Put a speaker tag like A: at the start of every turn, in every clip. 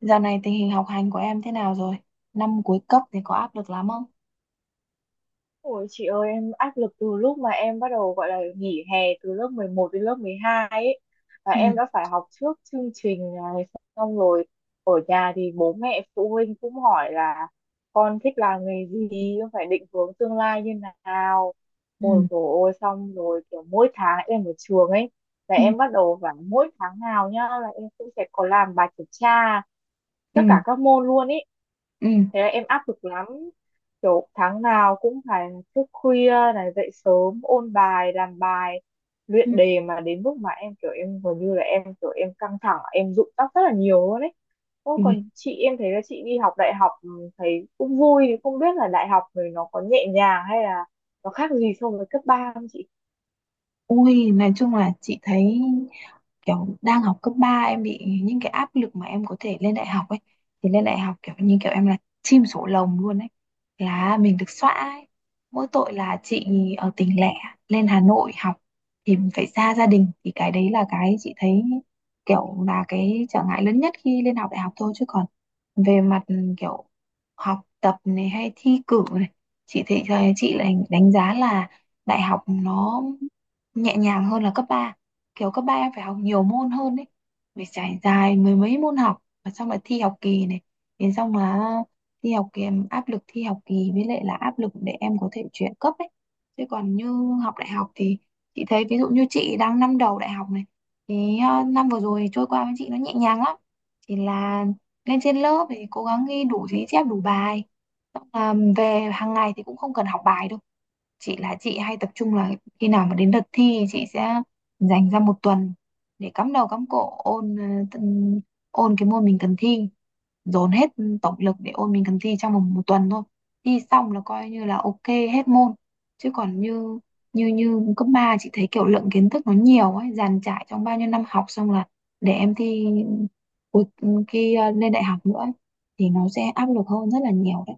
A: Dạo này tình hình học hành của em thế nào rồi? Năm cuối cấp thì có áp lực lắm không?
B: Ôi chị ơi, em áp lực từ lúc mà em bắt đầu gọi là nghỉ hè từ lớp 11 đến lớp 12 ấy, và
A: Ừ,
B: em đã phải học trước chương trình này. Xong rồi ở nhà thì bố mẹ phụ huynh cũng hỏi là con thích làm nghề gì, con phải định hướng tương lai như nào. Ôi
A: ừ,
B: dồi ôi, xong rồi kiểu mỗi tháng em ở trường ấy, là
A: ừ,
B: em bắt đầu phải mỗi tháng nào nhá là em cũng sẽ có làm bài kiểm tra tất
A: ừ,
B: cả các môn luôn ấy.
A: ừ.
B: Thế là em áp lực lắm, kiểu tháng nào cũng phải thức khuya này dậy sớm ôn bài, làm bài,
A: Ừ.
B: luyện đề, mà đến lúc mà em kiểu em gần như là em kiểu em căng thẳng, em rụng tóc rất là nhiều luôn ấy. Ô,
A: Ui,
B: còn chị, em thấy là chị đi học đại học, ừ, thấy cũng vui, thì không biết là đại học rồi nó có nhẹ nhàng hay là nó khác gì so với cấp 3 không chị?
A: ui, nói chung là chị thấy kiểu đang học cấp 3 em bị những cái áp lực mà em có thể lên đại học ấy, thì lên đại học kiểu như kiểu em là chim sổ lồng luôn ấy, là mình được xóa ấy. Mỗi tội là chị ở tỉnh lẻ lên Hà Nội học thì mình phải xa gia đình, thì cái đấy là cái chị thấy kiểu là cái trở ngại lớn nhất khi lên học đại học thôi. Chứ còn về mặt kiểu học tập này hay thi cử này, chị thấy chị lại đánh giá là đại học nó nhẹ nhàng hơn là cấp ba. Kiểu cấp ba em phải học nhiều môn hơn đấy, phải trải dài mười mấy môn học, và xong là thi học kỳ này, đến xong là thi học kỳ, em áp lực thi học kỳ với lại là áp lực để em có thể chuyển cấp ấy. Chứ còn như học đại học thì chị thấy ví dụ như chị đang năm đầu đại học này, thì năm vừa rồi trôi qua với chị nó nhẹ nhàng lắm. Chỉ là lên trên lớp thì cố gắng ghi đủ ghi chép đủ bài, xong là về hàng ngày thì cũng không cần học bài đâu. Chị là chị hay tập trung là khi nào mà đến đợt thi chị sẽ dành ra một tuần để cắm đầu cắm cổ ôn, tân- ôn cái môn mình cần thi, dồn hết tổng lực để ôn mình cần thi trong vòng một tuần thôi. Thi xong là coi như là ok hết môn. Chứ còn như như như cấp 3 chị thấy kiểu lượng kiến thức nó nhiều ấy, dàn trải trong bao nhiêu năm học, xong là để em thi cuối- khi lên đại học nữa ấy, thì nó sẽ áp lực hơn rất là nhiều đấy.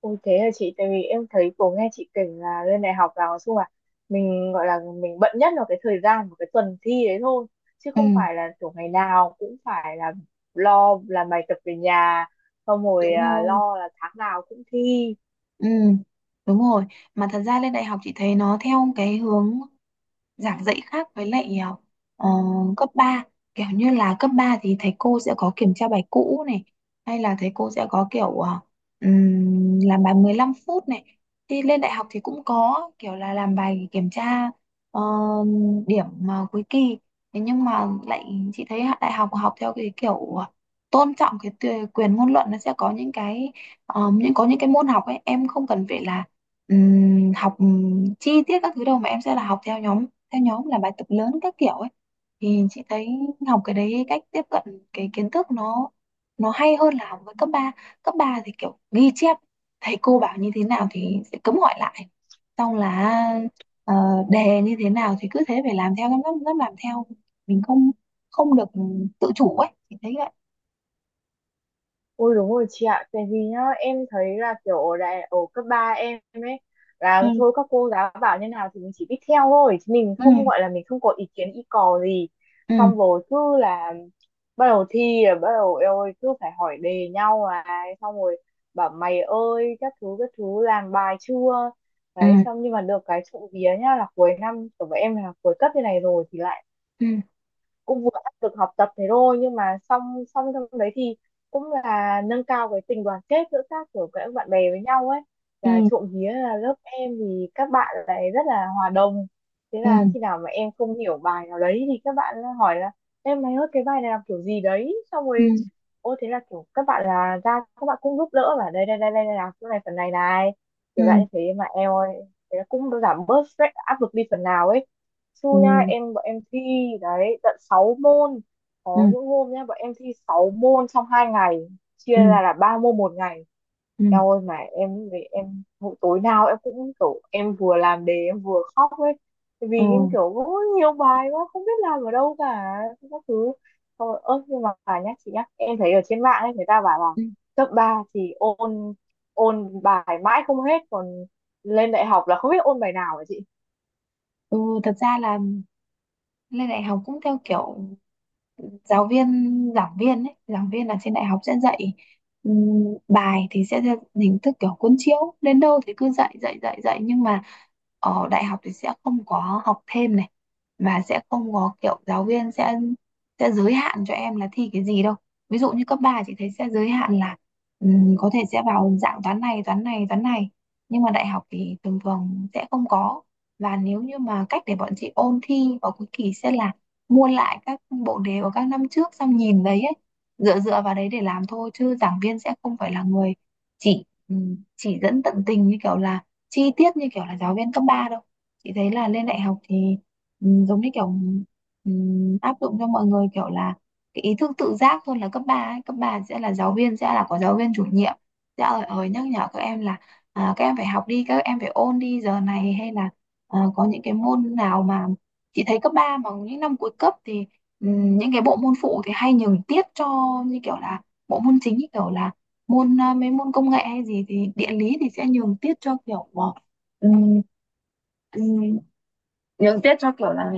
B: Ôi thế là chị, tại vì em thấy cô nghe chị kể là lên đại học là nói chung là mình gọi là mình bận nhất là cái thời gian của cái tuần thi đấy thôi, chứ
A: Ừ,
B: không phải là kiểu ngày nào cũng phải là lo làm bài tập về nhà, xong rồi
A: đúng rồi.
B: lo là tháng nào cũng thi.
A: Ừ, đúng rồi. Mà thật ra lên đại học chị thấy nó theo cái hướng giảng dạy khác với lại ờ, cấp ba. Kiểu như là cấp 3 thì thầy cô sẽ có kiểm tra bài cũ này, hay là thầy cô sẽ có kiểu làm bài 15 phút này, thì lên đại học thì cũng có kiểu là làm bài kiểm tra, ờ, điểm cuối kỳ. Thế nhưng mà lại chị thấy đại học học theo cái kiểu tôn trọng cái quyền ngôn luận, nó sẽ có những cái ờ, những có những cái môn học ấy em không cần phải là học chi tiết các thứ đâu, mà em sẽ là học theo nhóm, theo nhóm làm bài tập lớn các kiểu ấy. Thì chị thấy học cái đấy, cách tiếp cận cái kiến thức nó hay hơn là học với cấp ba. Cấp 3 thì kiểu ghi chép, thầy cô bảo như thế nào thì sẽ cấm hỏi lại, xong là ờ, đề như thế nào thì cứ thế phải làm theo, lắm lắm làm theo, mình không, không được tự chủ ấy, chị thấy vậy.
B: Ôi đúng rồi chị ạ, tại vì nhá, em thấy là kiểu ở đại ở cấp 3 em ấy là
A: ừ,
B: thôi các cô giáo bảo như nào thì mình chỉ biết theo thôi, chứ mình
A: ừ,
B: không gọi là mình không có ý kiến ý cò gì.
A: ừ,
B: Xong rồi cứ là bắt đầu thi là bắt đầu eo ơi cứ phải hỏi đề nhau này, xong rồi bảo mày ơi các thứ làm bài chưa?
A: ừ,
B: Đấy xong nhưng mà được cái trộm vía nhá, là cuối năm của bọn em là cuối cấp như này rồi thì lại
A: ừ,
B: cũng vừa áp lực học tập thế thôi, nhưng mà xong xong trong đấy thì cũng là nâng cao cái tình đoàn kết giữa các kiểu các bạn bè với nhau ấy. Là
A: ừ,
B: trộm vía là lớp em thì các bạn lại rất là hòa đồng, thế
A: ừ,
B: là khi nào mà em không hiểu bài nào đấy thì các bạn hỏi là em mày ơi cái bài này làm kiểu gì đấy, xong
A: ừ,
B: rồi ô thế là kiểu các bạn là ra các bạn cũng giúp đỡ và đây đây đây đây đây là chỗ này phần này này,
A: ừ,
B: kiểu dạng như thế mà em ơi. Thế là cũng giảm bớt stress, áp lực đi phần nào ấy.
A: ừ,
B: Xui nhá, em bọn em thi đấy tận 6 môn,
A: ừ,
B: có những hôm nhá bọn em thi 6 môn trong hai ngày, chia
A: ừ,
B: ra là ba môn một ngày.
A: ừ,
B: Eo ơi mà em về em mỗi tối nào em cũng kiểu em vừa làm đề em vừa khóc ấy. Tại
A: ừ.
B: vì em kiểu có nhiều bài quá không biết làm ở đâu cả các thứ. Thôi, ơ nhưng mà phải nhá chị nhá, em thấy ở trên mạng ấy người ta bảo là
A: Ừ.
B: cấp 3 thì ôn ôn bài mãi không hết, còn lên đại học là không biết ôn bài nào, hả chị?
A: Ừ, thật ra là lên đại học cũng theo kiểu giáo viên giảng viên ấy, giảng viên là trên đại học sẽ dạy, bài thì sẽ theo hình thức kiểu cuốn chiếu, đến đâu thì cứ dạy dạy dạy dạy nhưng mà ở đại học thì sẽ không có học thêm này, mà sẽ không có kiểu giáo viên sẽ giới hạn cho em là thi cái gì đâu. Ví dụ như cấp 3 chị thấy sẽ giới hạn là, có thể sẽ vào dạng toán này, nhưng mà đại học thì thường thường sẽ không có. Và nếu như mà cách để bọn chị ôn thi vào cuối kỳ sẽ là mua lại các bộ đề của các năm trước, xong nhìn đấy ấy, dựa dựa vào đấy để làm thôi, chứ giảng viên sẽ không phải là người chỉ, chỉ dẫn tận tình như kiểu là chi tiết như kiểu là giáo viên cấp 3 đâu. Chị thấy là lên đại học thì giống như kiểu, áp dụng cho mọi người kiểu là cái ý thức tự giác hơn là cấp ba ấy. Cấp 3 sẽ là giáo viên sẽ là có giáo viên chủ nhiệm sẽ ở nhắc nhở các em là à, các em phải học đi, các em phải ôn đi giờ này, hay là à, có những cái môn nào mà chị thấy cấp 3 mà những năm cuối cấp thì những cái bộ môn phụ thì hay nhường tiết cho, như kiểu là bộ môn chính, như kiểu là môn à, mấy môn công nghệ hay gì thì địa lý thì sẽ nhường tiết cho kiểu ừm, ừm, nhường tiết cho kiểu là.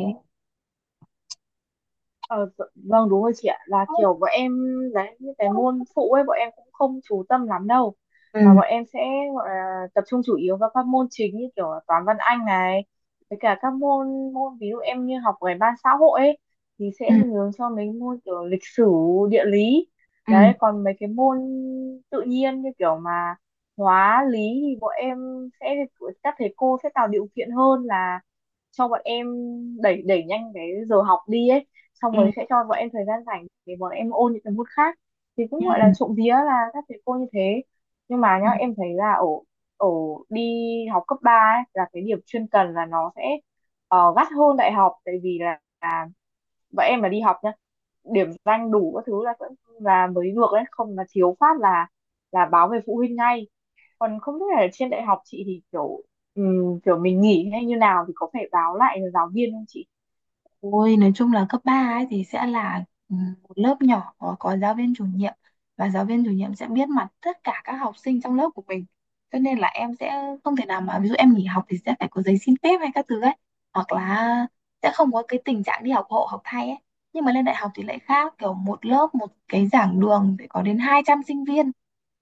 B: Ờ, vâng đúng rồi chị ạ, là kiểu bọn em đấy những cái
A: Ừ,
B: môn phụ ấy bọn em cũng không chú tâm lắm đâu, mà
A: ừ,
B: bọn em sẽ gọi là tập trung chủ yếu vào các môn chính như kiểu là toán văn anh này, với cả các môn môn ví dụ em như học về ban xã hội ấy thì
A: ừ,
B: sẽ hướng cho mấy môn kiểu lịch sử, địa lý. Đấy còn mấy cái môn tự nhiên như kiểu mà hóa lý thì bọn em sẽ các thầy cô sẽ tạo điều kiện hơn là cho bọn em đẩy đẩy nhanh cái giờ học đi ấy, xong
A: ừ,
B: rồi sẽ cho bọn em thời gian rảnh để bọn em ôn những cái môn khác, thì
A: ừ.
B: cũng gọi là trộm vía là các thầy cô như thế. Nhưng mà nhá
A: Ừ.
B: em thấy là ở ở đi học cấp 3 ấy là cái điểm chuyên cần là nó sẽ gắt hơn đại học, tại vì là bọn em mà đi học nhá điểm danh đủ các thứ là vẫn là mới được đấy, không là thiếu phát là báo về phụ huynh ngay. Còn không biết là trên đại học chị thì kiểu kiểu mình nghỉ hay như nào thì có phải báo lại giáo viên không chị?
A: Ôi, nói chung là cấp 3 ấy thì sẽ là ừ, một lớp nhỏ có giáo viên chủ nhiệm, và giáo viên chủ nhiệm sẽ biết mặt tất cả các học sinh trong lớp của mình. Cho nên là em sẽ không thể nào mà, ví dụ em nghỉ học thì sẽ phải có giấy xin phép hay các thứ ấy, hoặc là sẽ không có cái tình trạng đi học hộ học thay ấy. Nhưng mà lên đại học thì lại khác, kiểu một lớp, một cái giảng đường phải có đến 200 sinh viên,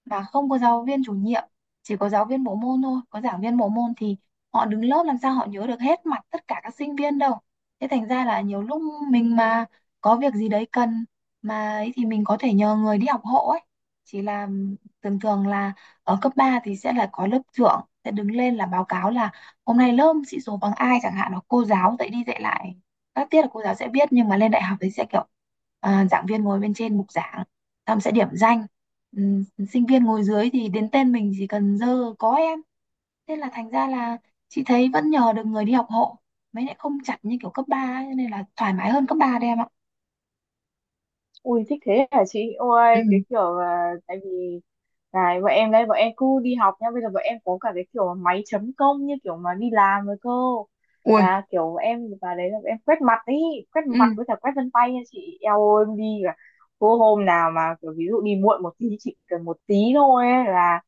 A: và không có giáo viên chủ nhiệm, chỉ có giáo viên bộ môn thôi, có giảng viên bộ môn thì họ đứng lớp làm sao họ nhớ được hết mặt tất cả các sinh viên đâu. Thế thành ra là nhiều lúc mình mà có việc gì đấy cần mà ấy, thì mình có thể nhờ người đi học hộ ấy. Chỉ là thường thường là ở cấp 3 thì sẽ là có lớp trưởng sẽ đứng lên là báo cáo là hôm nay lớp sĩ số bằng ai chẳng hạn, hoặc cô giáo dạy đi dạy lại các tiết là cô giáo sẽ biết, nhưng mà lên đại học thì sẽ kiểu à, giảng viên ngồi bên trên bục giảng Thẩm sẽ điểm danh. Ừm, sinh viên ngồi dưới thì đến tên mình chỉ cần dơ có em. Thế là thành ra là chị thấy vẫn nhờ được người đi học hộ. Mới lại không chặt như kiểu cấp 3 ấy, cho nên là thoải mái hơn cấp 3 đấy em ạ.
B: Ui thích thế hả chị?
A: Ừ.
B: Ôi cái kiểu là tại vì này bọn em đây bọn em cứ đi học nha, bây giờ bọn em có cả cái kiểu máy chấm công như kiểu mà đi làm rồi cơ, là kiểu bọn em vào đấy là bọn em quét mặt ý, quét mặt với cả quét vân tay nha chị. Eo ơi em đi cả cô hôm nào mà kiểu ví dụ đi muộn một tí, chị cần một tí thôi ấy, là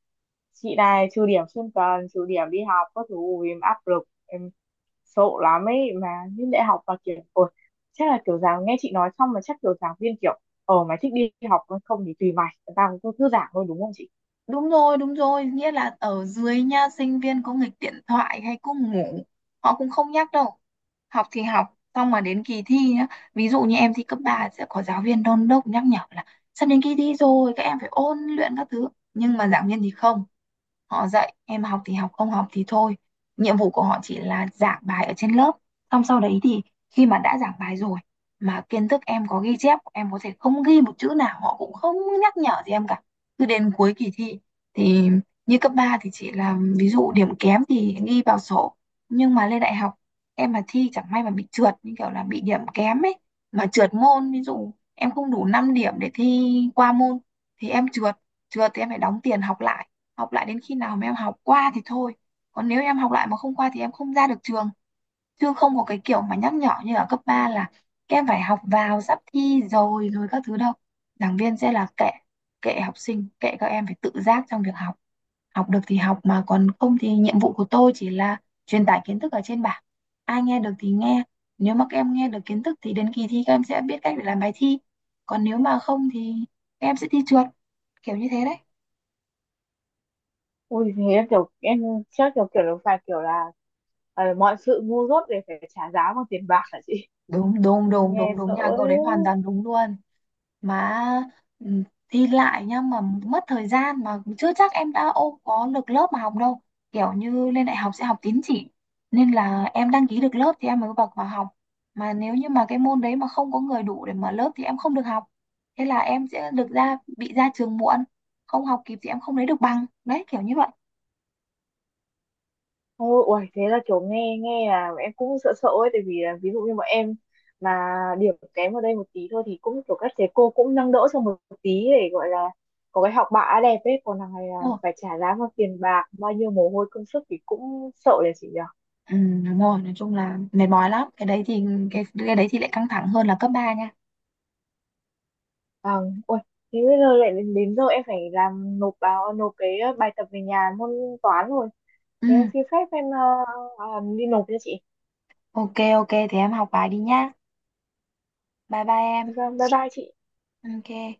B: chị này trừ điểm xuyên tuần, trừ điểm đi học các thứ. Ui, em áp lực, em sợ lắm ấy mà. Những đại học mà kiểu ôi chắc là kiểu giáo nghe chị nói xong mà chắc kiểu giảng viên kiểu ờ mày thích đi học còn không thì tùy mày, tao cứ thư giãn thôi, đúng không chị?
A: Đúng rồi, đúng rồi, nghĩa là ở dưới nha sinh viên có nghịch điện thoại hay cứ ngủ họ cũng không nhắc đâu. Học thì học, xong mà đến kỳ thi nhá, ví dụ như em thi cấp 3 sẽ có giáo viên đôn đốc nhắc nhở là sắp đến kỳ thi rồi các em phải ôn luyện các thứ, nhưng mà giảng viên thì không. Họ dạy em, học thì học không học thì thôi, nhiệm vụ của họ chỉ là giảng bài ở trên lớp, xong sau đấy thì khi mà đã giảng bài rồi mà kiến thức em có ghi chép, em có thể không ghi một chữ nào họ cũng không nhắc nhở gì em cả. Cứ đến cuối kỳ thi thì, như cấp 3 thì chị làm ví dụ điểm kém thì ghi vào sổ, nhưng mà lên đại học em mà thi chẳng may mà bị trượt như kiểu là bị điểm kém ấy, mà trượt môn, ví dụ em không đủ 5 điểm để thi qua môn thì em trượt. Trượt thì em phải đóng tiền học lại, học lại đến khi nào mà em học qua thì thôi, còn nếu em học lại mà không qua thì em không ra được trường. Chứ không có cái kiểu mà nhắc nhở như ở cấp 3 là các em phải học vào sắp thi rồi rồi các thứ đâu. Giảng viên sẽ là kệ, kệ học sinh, kệ các em phải tự giác trong việc học. Học được thì học mà còn không thì nhiệm vụ của tôi chỉ là truyền tải kiến thức ở trên bảng, ai nghe được thì nghe. Nếu mà các em nghe được kiến thức thì đến kỳ thi các em sẽ biết cách để làm bài thi, còn nếu mà không thì các em sẽ thi trượt, kiểu như thế đấy.
B: Ui thế em kiểu em chắc kiểu kiểu là phải kiểu là mọi sự ngu dốt đều phải trả giá bằng tiền bạc, hả chị?
A: đúng đúng
B: Ui
A: đúng
B: nghe
A: đúng
B: sợ
A: đúng nhà cậu
B: đấy.
A: đấy hoàn toàn đúng luôn. Mà ừ, thi lại nhá, mà mất thời gian, mà chưa chắc em đã ô có được lớp mà học đâu. Kiểu như lên đại học sẽ học tín chỉ, nên là em đăng ký được lớp thì em mới bậc vào học, mà nếu như mà cái môn đấy mà không có người đủ để mở lớp thì em không được học. Thế là em sẽ được ra bị ra trường muộn, không học kịp thì em không lấy được bằng đấy, kiểu như vậy.
B: Ôi ui, thế là kiểu nghe nghe là em cũng sợ sợ ấy, tại vì là ví dụ như bọn em mà điểm kém ở đây một tí thôi thì cũng kiểu các thầy cô cũng nâng đỡ cho một tí để gọi là có cái học bạ đẹp ấy, còn thằng này là
A: Đúng rồi.
B: phải trả giá bằng tiền bạc bao nhiêu mồ hôi công sức, thì cũng sợ đấy chị nhỉ.
A: Ừ, đúng rồi, nói chung là mệt mỏi lắm. Cái đấy thì cái đấy thì lại căng thẳng hơn là cấp ba nha.
B: À, ôi, thế bây giờ lại đến, đến giờ em phải làm nộp báo nộp cái bài tập về nhà môn toán rồi.
A: Ừ,
B: Thế em xin phép em ờ, đi nộp cho chị.
A: ok ok thì em học bài đi nhá, bye bye em.
B: Vâng, bye bye chị.
A: Ok.